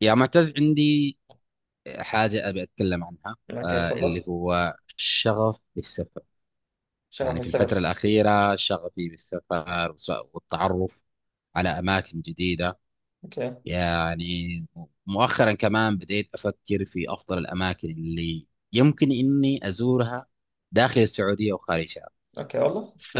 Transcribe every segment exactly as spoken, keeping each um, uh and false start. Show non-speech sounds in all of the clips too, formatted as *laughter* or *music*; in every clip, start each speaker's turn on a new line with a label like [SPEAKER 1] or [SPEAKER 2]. [SPEAKER 1] يا معتز، عندي حاجة أبي أتكلم عنها،
[SPEAKER 2] اوكي،
[SPEAKER 1] آه
[SPEAKER 2] اتفضل.
[SPEAKER 1] اللي هو الشغف بالسفر.
[SPEAKER 2] شغف
[SPEAKER 1] يعني في
[SPEAKER 2] السفر.
[SPEAKER 1] الفترة الأخيرة شغفي بالسفر وس- والتعرف على أماكن جديدة.
[SPEAKER 2] اوكي.
[SPEAKER 1] يعني مؤخرا كمان بديت أفكر في أفضل الأماكن اللي يمكن إني أزورها داخل السعودية وخارجها.
[SPEAKER 2] اوكي، والله.
[SPEAKER 1] ف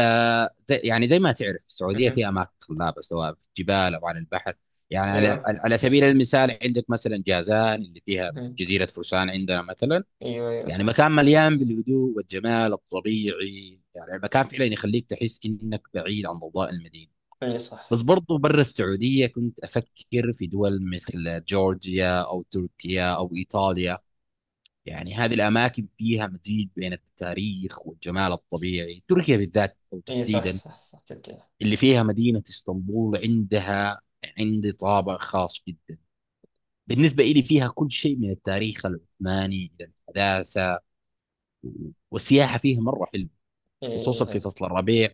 [SPEAKER 1] زي- يعني زي ما تعرف، السعوديه
[SPEAKER 2] اها.
[SPEAKER 1] فيها اماكن خلابه سواء في الجبال او على البحر. يعني
[SPEAKER 2] ايوه.
[SPEAKER 1] على على سبيل المثال، عندك مثلا جازان اللي فيها
[SPEAKER 2] اها.
[SPEAKER 1] جزيره فرسان عندنا مثلا.
[SPEAKER 2] ايوه، ايوه،
[SPEAKER 1] يعني
[SPEAKER 2] صح.
[SPEAKER 1] مكان مليان بالهدوء والجمال الطبيعي، يعني المكان فعلا يخليك تحس انك بعيد عن ضوضاء المدينه.
[SPEAKER 2] اي،
[SPEAKER 1] بس
[SPEAKER 2] صح.
[SPEAKER 1] برضو برا السعوديه كنت افكر في دول مثل جورجيا او تركيا او ايطاليا. يعني هذه الاماكن فيها مزيج بين التاريخ والجمال الطبيعي. تركيا بالذات او
[SPEAKER 2] اي، صح،
[SPEAKER 1] تحديدا
[SPEAKER 2] صح، صح، تبقى.
[SPEAKER 1] اللي فيها مدينة اسطنبول، عندها عندي طابع خاص جدا بالنسبة إلي. فيها كل شيء من التاريخ العثماني إلى الحداثة، والسياحة فيها مرة حلوة، خصوصا
[SPEAKER 2] اي،
[SPEAKER 1] في
[SPEAKER 2] صح.
[SPEAKER 1] فصل الربيع.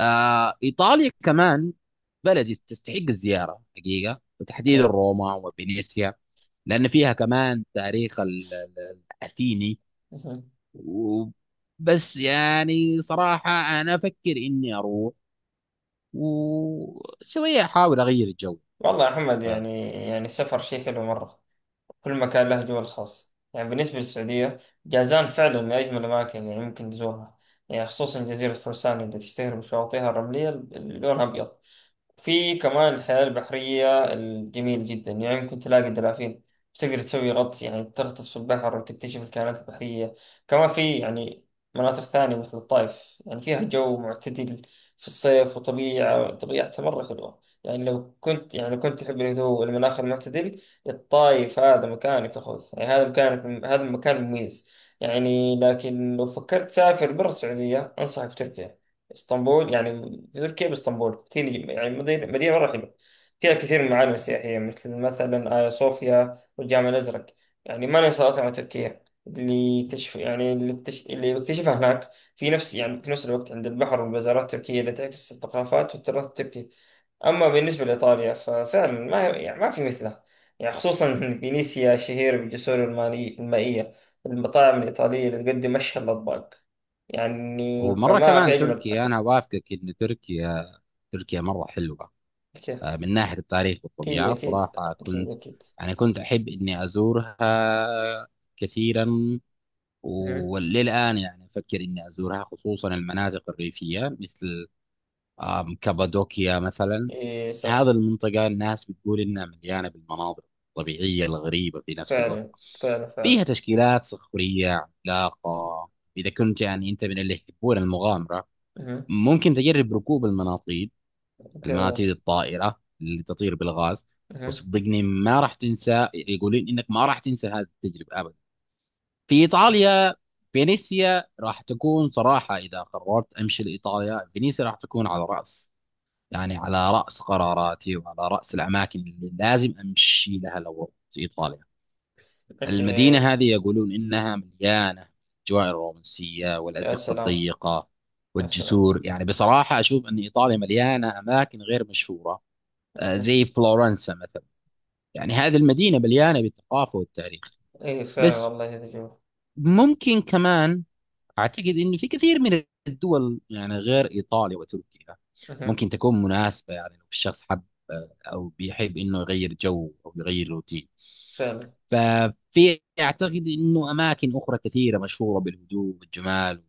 [SPEAKER 1] آه إيطاليا كمان بلد تستحق الزيارة حقيقة، وتحديدا
[SPEAKER 2] اوكي.
[SPEAKER 1] روما وفينيسيا، لأن فيها كمان تاريخ ال- ال- الأثيني.
[SPEAKER 2] اها.
[SPEAKER 1] و- بس يعني صراحة أنا أفكر إني أروح وشوية أحاول أغير الجو.
[SPEAKER 2] والله يا محمد، يعني يعني السفر شيء حلو مرة. كل مكان له جو الخاص، يعني بالنسبة للسعودية، جازان فعلا من أجمل الأماكن اللي ممكن تزورها. يعني خصوصا جزيرة فرسان اللي تشتهر بشواطئها الرملية اللي لونها أبيض. في كمان الحياة البحرية الجميل جدا، يعني ممكن تلاقي دلافين، تقدر تسوي غطس، يعني تغطس في البحر وتكتشف الكائنات البحرية. كمان في يعني مناطق ثانية مثل الطائف، يعني فيها جو معتدل في الصيف وطبيعة طبيعتها مرة حلوة. يعني لو كنت يعني لو كنت تحب الهدوء والمناخ المعتدل، الطائف هذا مكانك يا أخوي، يعني هذا مكانك، هذا المكان مميز. يعني لكن لو فكرت تسافر برا السعودية، أنصحك بتركيا، اسطنبول. يعني في تركيا باسطنبول كتير، يعني مدينة مدينة مرة حلوة، فيها كثير من المعالم السياحية مثل مثلا آيا صوفيا والجامع الأزرق. يعني ما ننسى أطعمة تركيا اللي تشف، يعني اللي, تش... اللي بكتشفها هناك، في نفس يعني في نفس الوقت عند البحر، والبازارات التركية اللي تعكس الثقافات والتراث التركي. أما بالنسبة لإيطاليا ففعلا ما يعني ما في مثله، يعني خصوصا *laughs* فينيسيا شهيرة بالجسور المالي... المائية. المطاعم الإيطالية اللي تقدم أشهى الأطباق، يعني
[SPEAKER 1] ومره
[SPEAKER 2] فما في
[SPEAKER 1] كمان
[SPEAKER 2] أجمل
[SPEAKER 1] تركيا،
[SPEAKER 2] أكل.
[SPEAKER 1] انا وافقك ان تركيا، تركيا مره حلوه.
[SPEAKER 2] أكيد.
[SPEAKER 1] آه، من ناحيه التاريخ
[SPEAKER 2] إي،
[SPEAKER 1] والطبيعه
[SPEAKER 2] أكيد،
[SPEAKER 1] صراحه
[SPEAKER 2] أكيد،
[SPEAKER 1] كنت،
[SPEAKER 2] أكيد.
[SPEAKER 1] يعني كنت احب اني ازورها كثيرا.
[SPEAKER 2] مهم.
[SPEAKER 1] وللان يعني افكر اني ازورها، خصوصا المناطق الريفيه مثل، آم، كابادوكيا مثلا.
[SPEAKER 2] إي،
[SPEAKER 1] هذا
[SPEAKER 2] صح.
[SPEAKER 1] المنطقه الناس بتقول انها مليانه بالمناظر الطبيعيه الغريبه في نفس الوقت.
[SPEAKER 2] فعلا، فعلا،
[SPEAKER 1] فيها
[SPEAKER 2] فعلا.
[SPEAKER 1] تشكيلات صخريه عملاقه. اذا كنت يعني انت من اللي يحبون المغامره،
[SPEAKER 2] مهم.
[SPEAKER 1] ممكن تجرب ركوب المناطيد،
[SPEAKER 2] أوكي.
[SPEAKER 1] المناطيد الطائرة اللي تطير بالغاز.
[SPEAKER 2] مهم.
[SPEAKER 1] وصدقني ما راح تنسى، يقولين انك ما راح تنسى هذه التجربة ابدا. في ايطاليا، فينيسيا راح تكون صراحة، اذا قررت امشي لايطاليا فينيسيا راح تكون على رأس، يعني على رأس قراراتي وعلى رأس الاماكن اللي لازم امشي لها لو رحت ايطاليا.
[SPEAKER 2] أوكي.
[SPEAKER 1] المدينة هذه يقولون إنها مليانة الأجواء الرومانسية
[SPEAKER 2] يا
[SPEAKER 1] والأزقة
[SPEAKER 2] سلام.
[SPEAKER 1] الضيقة
[SPEAKER 2] يا سلام.
[SPEAKER 1] والجسور. يعني بصراحة أشوف أن إيطاليا مليانة أماكن غير مشهورة، آه،
[SPEAKER 2] أوكي.
[SPEAKER 1] زي فلورنسا مثلا. يعني هذه المدينة مليانة بالثقافة والتاريخ.
[SPEAKER 2] إي فعلا،
[SPEAKER 1] بس
[SPEAKER 2] والله هذا جميل.
[SPEAKER 1] ممكن كمان أعتقد أن في كثير من الدول، يعني غير إيطاليا وتركيا،
[SPEAKER 2] مهم.
[SPEAKER 1] ممكن تكون مناسبة. يعني لو الشخص حب، آه، أو بيحب أنه يغير جو أو يغير روتين،
[SPEAKER 2] فعلا.
[SPEAKER 1] ففي اعتقد انه اماكن اخرى كثيره مشهوره بالهدوء والجمال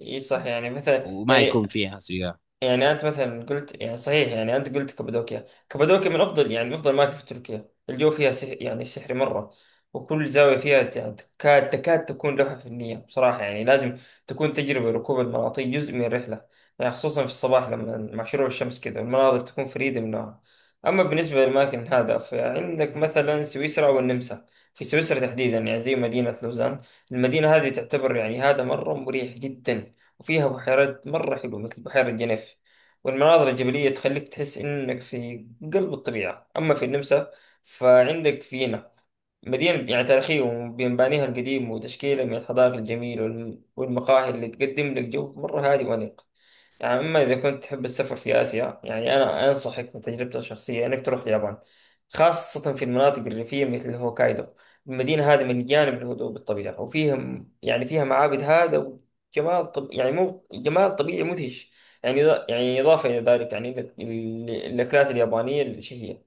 [SPEAKER 2] إي، صح، يعني مثلا
[SPEAKER 1] وما يكون
[SPEAKER 2] يعني.
[SPEAKER 1] فيها سياح.
[SPEAKER 2] يعني انت مثلا قلت، يعني صحيح، يعني انت قلت كابادوكيا كابادوكيا من افضل، يعني من افضل الاماكن في تركيا. الجو فيها سحر، يعني سحري مره. وكل زاويه فيها يعني تكاد تكاد تكون لوحه فنيه، بصراحه يعني لازم تكون تجربه ركوب المناطيد جزء من الرحله. يعني خصوصا في الصباح، لما مع شروق الشمس كذا، المناظر تكون فريده من نوعها. اما بالنسبه للاماكن هذا، فعندك مثلا سويسرا والنمسا. في سويسرا تحديدا، يعني زي مدينه لوزان، المدينه هذه تعتبر، يعني هذا مره مريح جدا. وفيها بحيرات مرة حلوة مثل بحيرة جنيف، والمناظر الجبلية تخليك تحس إنك في قلب الطبيعة. أما في النمسا فعندك فيينا، مدينة يعني تاريخية بمبانيها القديم وتشكيلها من الحدائق الجميلة، والم- والمقاهي اللي تقدم لك جو مرة هادي وأنيق. يعني أما إذا كنت تحب السفر في آسيا، يعني أنا أنصحك من تجربتي الشخصية إنك تروح اليابان، خاصة في المناطق الريفية مثل هوكايدو. المدينة هذه مليانة بالهدوء بالطبيعة، وفيها يعني فيها معابد هذا، وجمال طب يعني مو جمال، طبيعي مدهش. يعني إذا- يعني إضافة إلى ذلك، يعني ال- ال- الأكلات اليابانية الشهية.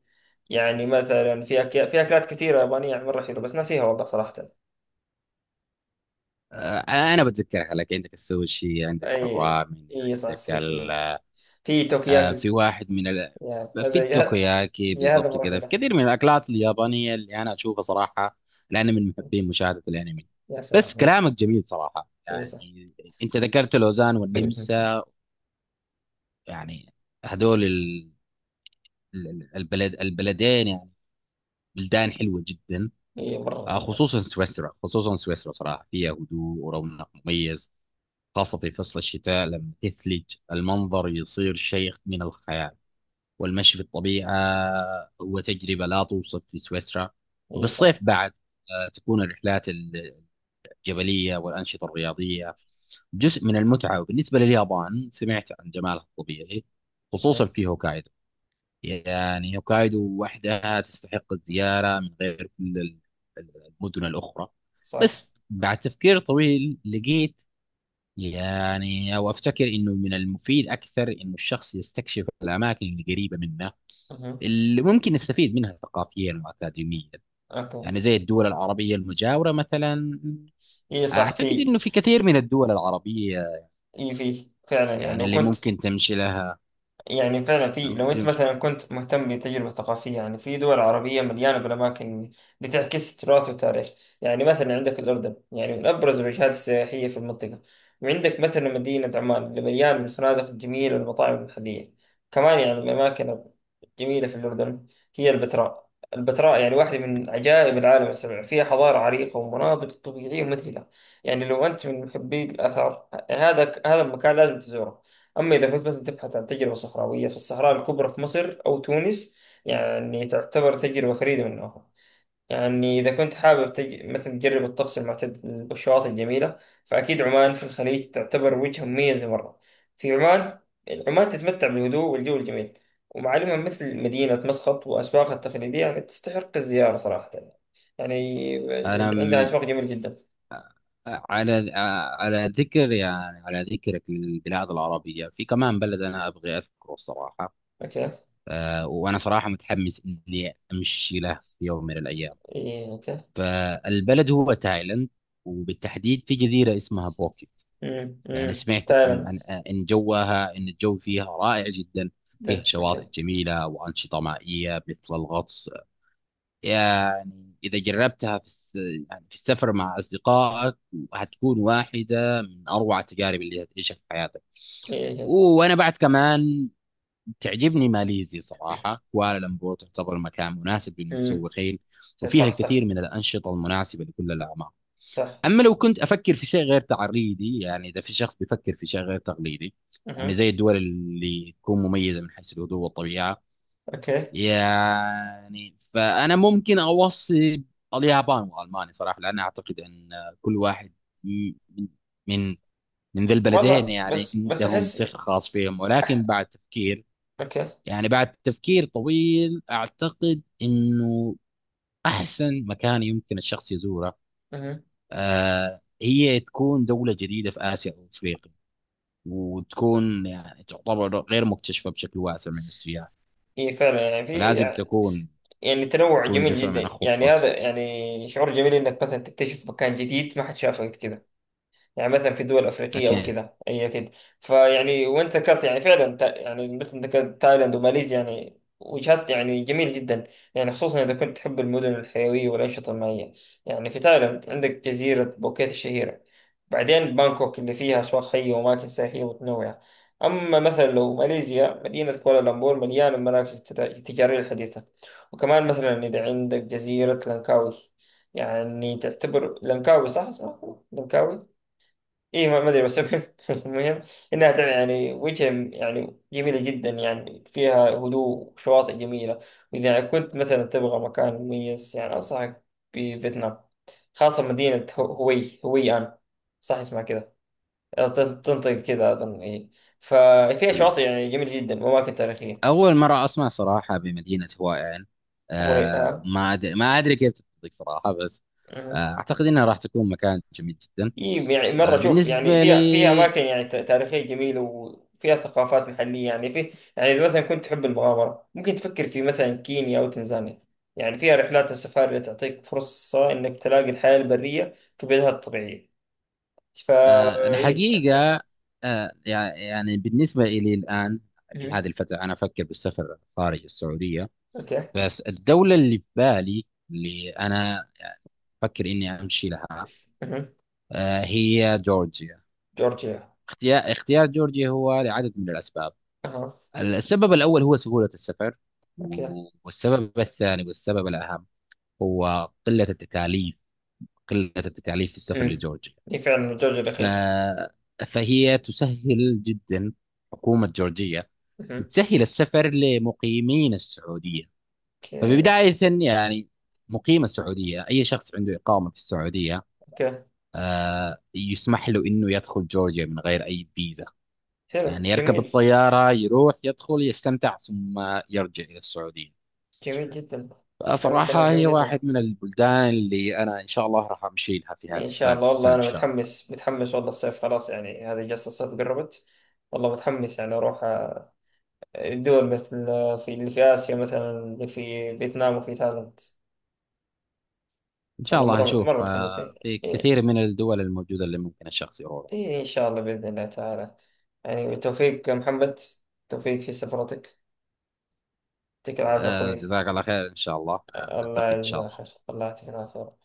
[SPEAKER 2] يعني مثلا في أكيا... في أكلات كثيرة يابانية، يعني مرة حلوة، بس ناسيها والله صراحة.
[SPEAKER 1] آه، انا بتذكرها لك. عندك السوشي، عندك
[SPEAKER 2] أي.
[SPEAKER 1] الرامن،
[SPEAKER 2] أي، صح،
[SPEAKER 1] عندك
[SPEAKER 2] السوشي،
[SPEAKER 1] ال...
[SPEAKER 2] في
[SPEAKER 1] آه،
[SPEAKER 2] توكياكي.
[SPEAKER 1] في واحد من ال...
[SPEAKER 2] يعني
[SPEAKER 1] في
[SPEAKER 2] هذا يا,
[SPEAKER 1] التوكوياكي
[SPEAKER 2] يا هذا
[SPEAKER 1] بالضبط.
[SPEAKER 2] مرة
[SPEAKER 1] كذا في
[SPEAKER 2] حلو.
[SPEAKER 1] كثير من الاكلات اليابانيه اللي انا اشوفها صراحه، لاني من محبين مشاهده الانمي.
[SPEAKER 2] يا سلام.
[SPEAKER 1] بس
[SPEAKER 2] هي،
[SPEAKER 1] كلامك جميل صراحه.
[SPEAKER 2] هي، صح.
[SPEAKER 1] يعني انت ذكرت لوزان
[SPEAKER 2] *clears throat*
[SPEAKER 1] والنمسا، يعني هذول ال... ال- البلد، البلدين، يعني بلدان حلوه جدا.
[SPEAKER 2] هي مرة
[SPEAKER 1] آه،
[SPEAKER 2] حلوة.
[SPEAKER 1] خصوصا سويسرا، خصوصا سويسرا صراحة فيها هدوء ورونق مميز، خاصة في فصل الشتاء لما تثلج. المنظر يصير شيء من الخيال، والمشي في الطبيعة هو تجربة لا توصف في سويسرا. وفي
[SPEAKER 2] هي،
[SPEAKER 1] الصيف
[SPEAKER 2] صح.
[SPEAKER 1] بعد آه، تكون الرحلات ال- الجبلية والأنشطة الرياضية جزء من المتعة. وبالنسبة لليابان، سمعت عن جمالها الطبيعي خصوصا
[SPEAKER 2] أوكي.
[SPEAKER 1] في هوكايدو. يعني هوكايدو وحدها تستحق الزيارة من غير كل ال- ال- المدن الأخرى.
[SPEAKER 2] صح.
[SPEAKER 1] بس بعد تفكير طويل لقيت، يعني أو أفتكر إنه من المفيد أكثر إنه الشخص يستكشف الأماكن القريبة منه،
[SPEAKER 2] أها.
[SPEAKER 1] اللي ممكن يستفيد منها ثقافيا وأكاديميا،
[SPEAKER 2] أوكي.
[SPEAKER 1] يعني زي الدول العربية المجاورة مثلا.
[SPEAKER 2] هي، صح.
[SPEAKER 1] أعتقد
[SPEAKER 2] في.
[SPEAKER 1] إنه في كثير من الدول العربية،
[SPEAKER 2] هي في، فعلا. يعني
[SPEAKER 1] يعني
[SPEAKER 2] لو
[SPEAKER 1] اللي
[SPEAKER 2] كنت،
[SPEAKER 1] ممكن تمشي لها.
[SPEAKER 2] يعني فعلا في، لو انت مثلا كنت مهتم بالتجربة الثقافية، يعني في دول عربية مليانة بالأماكن، بتعكس التراث والتاريخ. يعني مثلا عندك الأردن، يعني من أبرز الوجهات السياحية في المنطقة. وعندك مثلا مدينة عمان اللي مليانة بالفنادق الجميلة والمطاعم المحلية. كمان يعني من الأماكن الجميلة في الأردن هي البتراء. البتراء يعني واحدة من عجائب العالم السبع، فيها حضارة عريقة ومناظر طبيعية مذهلة. يعني لو أنت من محبي الآثار، هذا هذا المكان لازم تزوره. أما إذا كنت مثلا تبحث عن تجربة صحراوية، فالصحراء الكبرى في مصر أو تونس، يعني تعتبر تجربة فريدة من نوعها. يعني إذا كنت حابب تج... مثلا تجرب الطقس المعتدل والشواطئ الجميلة، فأكيد عمان في الخليج تعتبر وجهة مميزة مرة. في عمان، عمان تتمتع بالهدوء والجو الجميل، ومعالمها مثل مدينة مسقط وأسواقها التقليدية يعني تستحق الزيارة صراحة. يعني
[SPEAKER 1] أنا
[SPEAKER 2] عندها أسواق جميلة جدا.
[SPEAKER 1] على على ذكر، يعني على ذكرك للبلاد العربية، في كمان بلد أنا أبغي أذكره الصراحة.
[SPEAKER 2] أوكي.
[SPEAKER 1] آه، وأنا صراحة متحمس إني أمشي له في يوم من الأيام.
[SPEAKER 2] إيه، أوكي.
[SPEAKER 1] فالبلد هو تايلاند، وبالتحديد في جزيرة اسمها بوكيت.
[SPEAKER 2] أمم،
[SPEAKER 1] يعني
[SPEAKER 2] أمم،
[SPEAKER 1] سمعت عن
[SPEAKER 2] تايلاند.
[SPEAKER 1] عن آه، إن جوها إن الجو فيها رائع جدا. فيها
[SPEAKER 2] ده.
[SPEAKER 1] شواطئ
[SPEAKER 2] أوكي.
[SPEAKER 1] جميلة وأنشطة مائية مثل الغطس. يعني إذا جربتها في الس... يعني في السفر مع أصدقائك، هتكون واحدة من أروع التجارب اللي هتعيشها في حياتك.
[SPEAKER 2] إيه.
[SPEAKER 1] وأنا بعد كمان تعجبني ماليزيا صراحة. كوالالمبور تعتبر مكان مناسب
[SPEAKER 2] امم.
[SPEAKER 1] للمتسوقين، وفيها
[SPEAKER 2] صح،
[SPEAKER 1] الكثير
[SPEAKER 2] صح،
[SPEAKER 1] من الأنشطة المناسبة لكل الأعمار.
[SPEAKER 2] صح.
[SPEAKER 1] أما لو كنت أفكر في شيء غير تعريدي، يعني إذا في شخص بيفكر في شيء غير تقليدي، يعني
[SPEAKER 2] اها.
[SPEAKER 1] زي الدول اللي تكون مميزة من حيث الهدوء والطبيعة،
[SPEAKER 2] اوكي.
[SPEAKER 1] يعني فأنا ممكن أوصي اليابان وألمانيا صراحة. لأن أعتقد أن كل واحد من من من ذي البلدين
[SPEAKER 2] والله،
[SPEAKER 1] يعني
[SPEAKER 2] بس بس
[SPEAKER 1] عندهم
[SPEAKER 2] احس.
[SPEAKER 1] سحر خاص فيهم. ولكن بعد تفكير،
[SPEAKER 2] اوكي.
[SPEAKER 1] يعني بعد تفكير طويل، أعتقد أنه أحسن مكان يمكن الشخص يزوره
[SPEAKER 2] اها.
[SPEAKER 1] آه هي تكون دولة جديدة في آسيا أو أفريقيا، وتكون يعني تعتبر غير مكتشفة بشكل واسع من السياح،
[SPEAKER 2] اي فعلا، يعني في.
[SPEAKER 1] فلازم تكون
[SPEAKER 2] يعني تنوع
[SPEAKER 1] تكون
[SPEAKER 2] جميل
[SPEAKER 1] جزء من
[SPEAKER 2] جدا، يعني
[SPEAKER 1] الخطة.
[SPEAKER 2] هذا يعني شعور جميل انك مثلا تكتشف مكان جديد ما حد شافه قبل كذا. يعني مثلا في دول افريقيه او
[SPEAKER 1] أكيد.
[SPEAKER 2] كذا، اي اكيد. فيعني وانت ذكرت، يعني فعلا تا- يعني مثل ذكرت تايلاند وماليزيا، يعني وجهات يعني جميل جدا. يعني خصوصا اذا كنت تحب المدن الحيويه والانشطه المائيه. يعني في تايلاند عندك جزيره بوكيت الشهيره، بعدين بانكوك اللي فيها اسواق حيه واماكن سياحيه متنوعه. اما مثلا لو ماليزيا، مدينه كوالالمبور مليانه المراكز التجا- التجاريه الحديثه. وكمان مثلا اذا عندك جزيره لانكاوي، يعني تعتبر لانكاوي، صح اسمها لانكاوي؟ اي، ما ما ادري، بس المهم *laughs* المهم انها تع- يعني وجهه يعني جميله جدا، يعني فيها هدوء وشواطئ جميله. واذا كنت مثلا تبغى مكان مميز، يعني انصحك بفيتنام، خاصه مدينه هو- هوي هوي ان. صح اسمها كذا؟ آه، تن- تنطق كذا اظن. اي. ففيها
[SPEAKER 1] مم.
[SPEAKER 2] شواطئ يعني جميله جدا واماكن تاريخيه.
[SPEAKER 1] أول مرة أسمع صراحة بمدينة هوائين.
[SPEAKER 2] هوي
[SPEAKER 1] أه ما أدري ما أدري كيف تطلق صراحة، بس آه،
[SPEAKER 2] ان.
[SPEAKER 1] أعتقد إنها راح تكون مكان جميل جدا.
[SPEAKER 2] إيه يعني مرة
[SPEAKER 1] أه
[SPEAKER 2] شوف، يعني
[SPEAKER 1] بالنسبة
[SPEAKER 2] فيها فيها
[SPEAKER 1] لي
[SPEAKER 2] أماكن يعني ت- تاريخية جميلة، وفيها ثقافات محلية يعني في. يعني إذا مثلا كنت تحب المغامرة، ممكن تفكر في مثلا كينيا أو تنزانيا. يعني فيها رحلات السفاري اللي تعطيك فرصة إنك تلاقي الحياة البرية في بيئتها الطبيعية. فا.
[SPEAKER 1] أه
[SPEAKER 2] إيه. أنت أنت-
[SPEAKER 1] الحقيقة أه يع- يعني بالنسبة إلي الآن، في
[SPEAKER 2] مهم.
[SPEAKER 1] هذه الفترة أنا أفكر بالسفر خارج السعودية.
[SPEAKER 2] أوكي.
[SPEAKER 1] بس الدولة اللي في بالي، اللي أنا أفكر إني أمشي لها،
[SPEAKER 2] مهم.
[SPEAKER 1] أه هي جورجيا.
[SPEAKER 2] جورجيا.
[SPEAKER 1] اختيار اختيار جورجيا هو لعدد من الأسباب.
[SPEAKER 2] أها.
[SPEAKER 1] السبب الأول هو سهولة السفر،
[SPEAKER 2] أوكي.
[SPEAKER 1] و- والسبب الثاني، والسبب الأهم، هو قلة التكاليف، قلة التكاليف في السفر
[SPEAKER 2] أمم.
[SPEAKER 1] لجورجيا.
[SPEAKER 2] إيه فعلا، جورجيا
[SPEAKER 1] ف...
[SPEAKER 2] رخيصة.
[SPEAKER 1] فهي تسهل جدا. حكومة جورجيا
[SPEAKER 2] مهم.
[SPEAKER 1] بتسهل السفر لمقيمين السعودية.
[SPEAKER 2] أوكي.
[SPEAKER 1] فبداية يعني مقيم السعودية، أي شخص عنده إقامة في السعودية،
[SPEAKER 2] أوكي.
[SPEAKER 1] آه، يسمح له إنه يدخل جورجيا من غير أي فيزا.
[SPEAKER 2] حلو،
[SPEAKER 1] يعني يركب
[SPEAKER 2] جميل.
[SPEAKER 1] الطيارة، يروح، يدخل، يستمتع، ثم يرجع إلى السعودية.
[SPEAKER 2] جميل جدا. هذا كلام
[SPEAKER 1] فصراحة
[SPEAKER 2] جميل
[SPEAKER 1] هي
[SPEAKER 2] جدا.
[SPEAKER 1] واحد من البلدان اللي أنا إن شاء الله راح أمشي لها في هذه
[SPEAKER 2] ان شاء
[SPEAKER 1] السنة،
[SPEAKER 2] الله، والله
[SPEAKER 1] السنة إن
[SPEAKER 2] انا
[SPEAKER 1] شاء الله.
[SPEAKER 2] متحمس، متحمس، والله الصيف خلاص. يعني هذه جلسة الصيف قربت. والله متحمس، يعني اروح آه، دول مثل، آه، في اللي في اسيا مثلا، اللي في فيتنام وفي تايلاند.
[SPEAKER 1] إن شاء
[SPEAKER 2] والله،
[SPEAKER 1] الله
[SPEAKER 2] مرة مرة
[SPEAKER 1] نشوف،
[SPEAKER 2] متحمس. إيه.
[SPEAKER 1] آه، في
[SPEAKER 2] إيه.
[SPEAKER 1] كثير من الدول الموجودة اللي ممكن الشخص يروح.
[SPEAKER 2] إيه، ان شاء الله، باذن الله تعالى. يعني بالتوفيق يا محمد، توفيق في سفرتك، يعطيك العافية
[SPEAKER 1] آه،
[SPEAKER 2] اخوي.
[SPEAKER 1] جزاك الله خير، إن شاء الله آه،
[SPEAKER 2] الله
[SPEAKER 1] نلتقي إن شاء
[SPEAKER 2] يجزاك خير،
[SPEAKER 1] الله.
[SPEAKER 2] الله يعطيك العافية.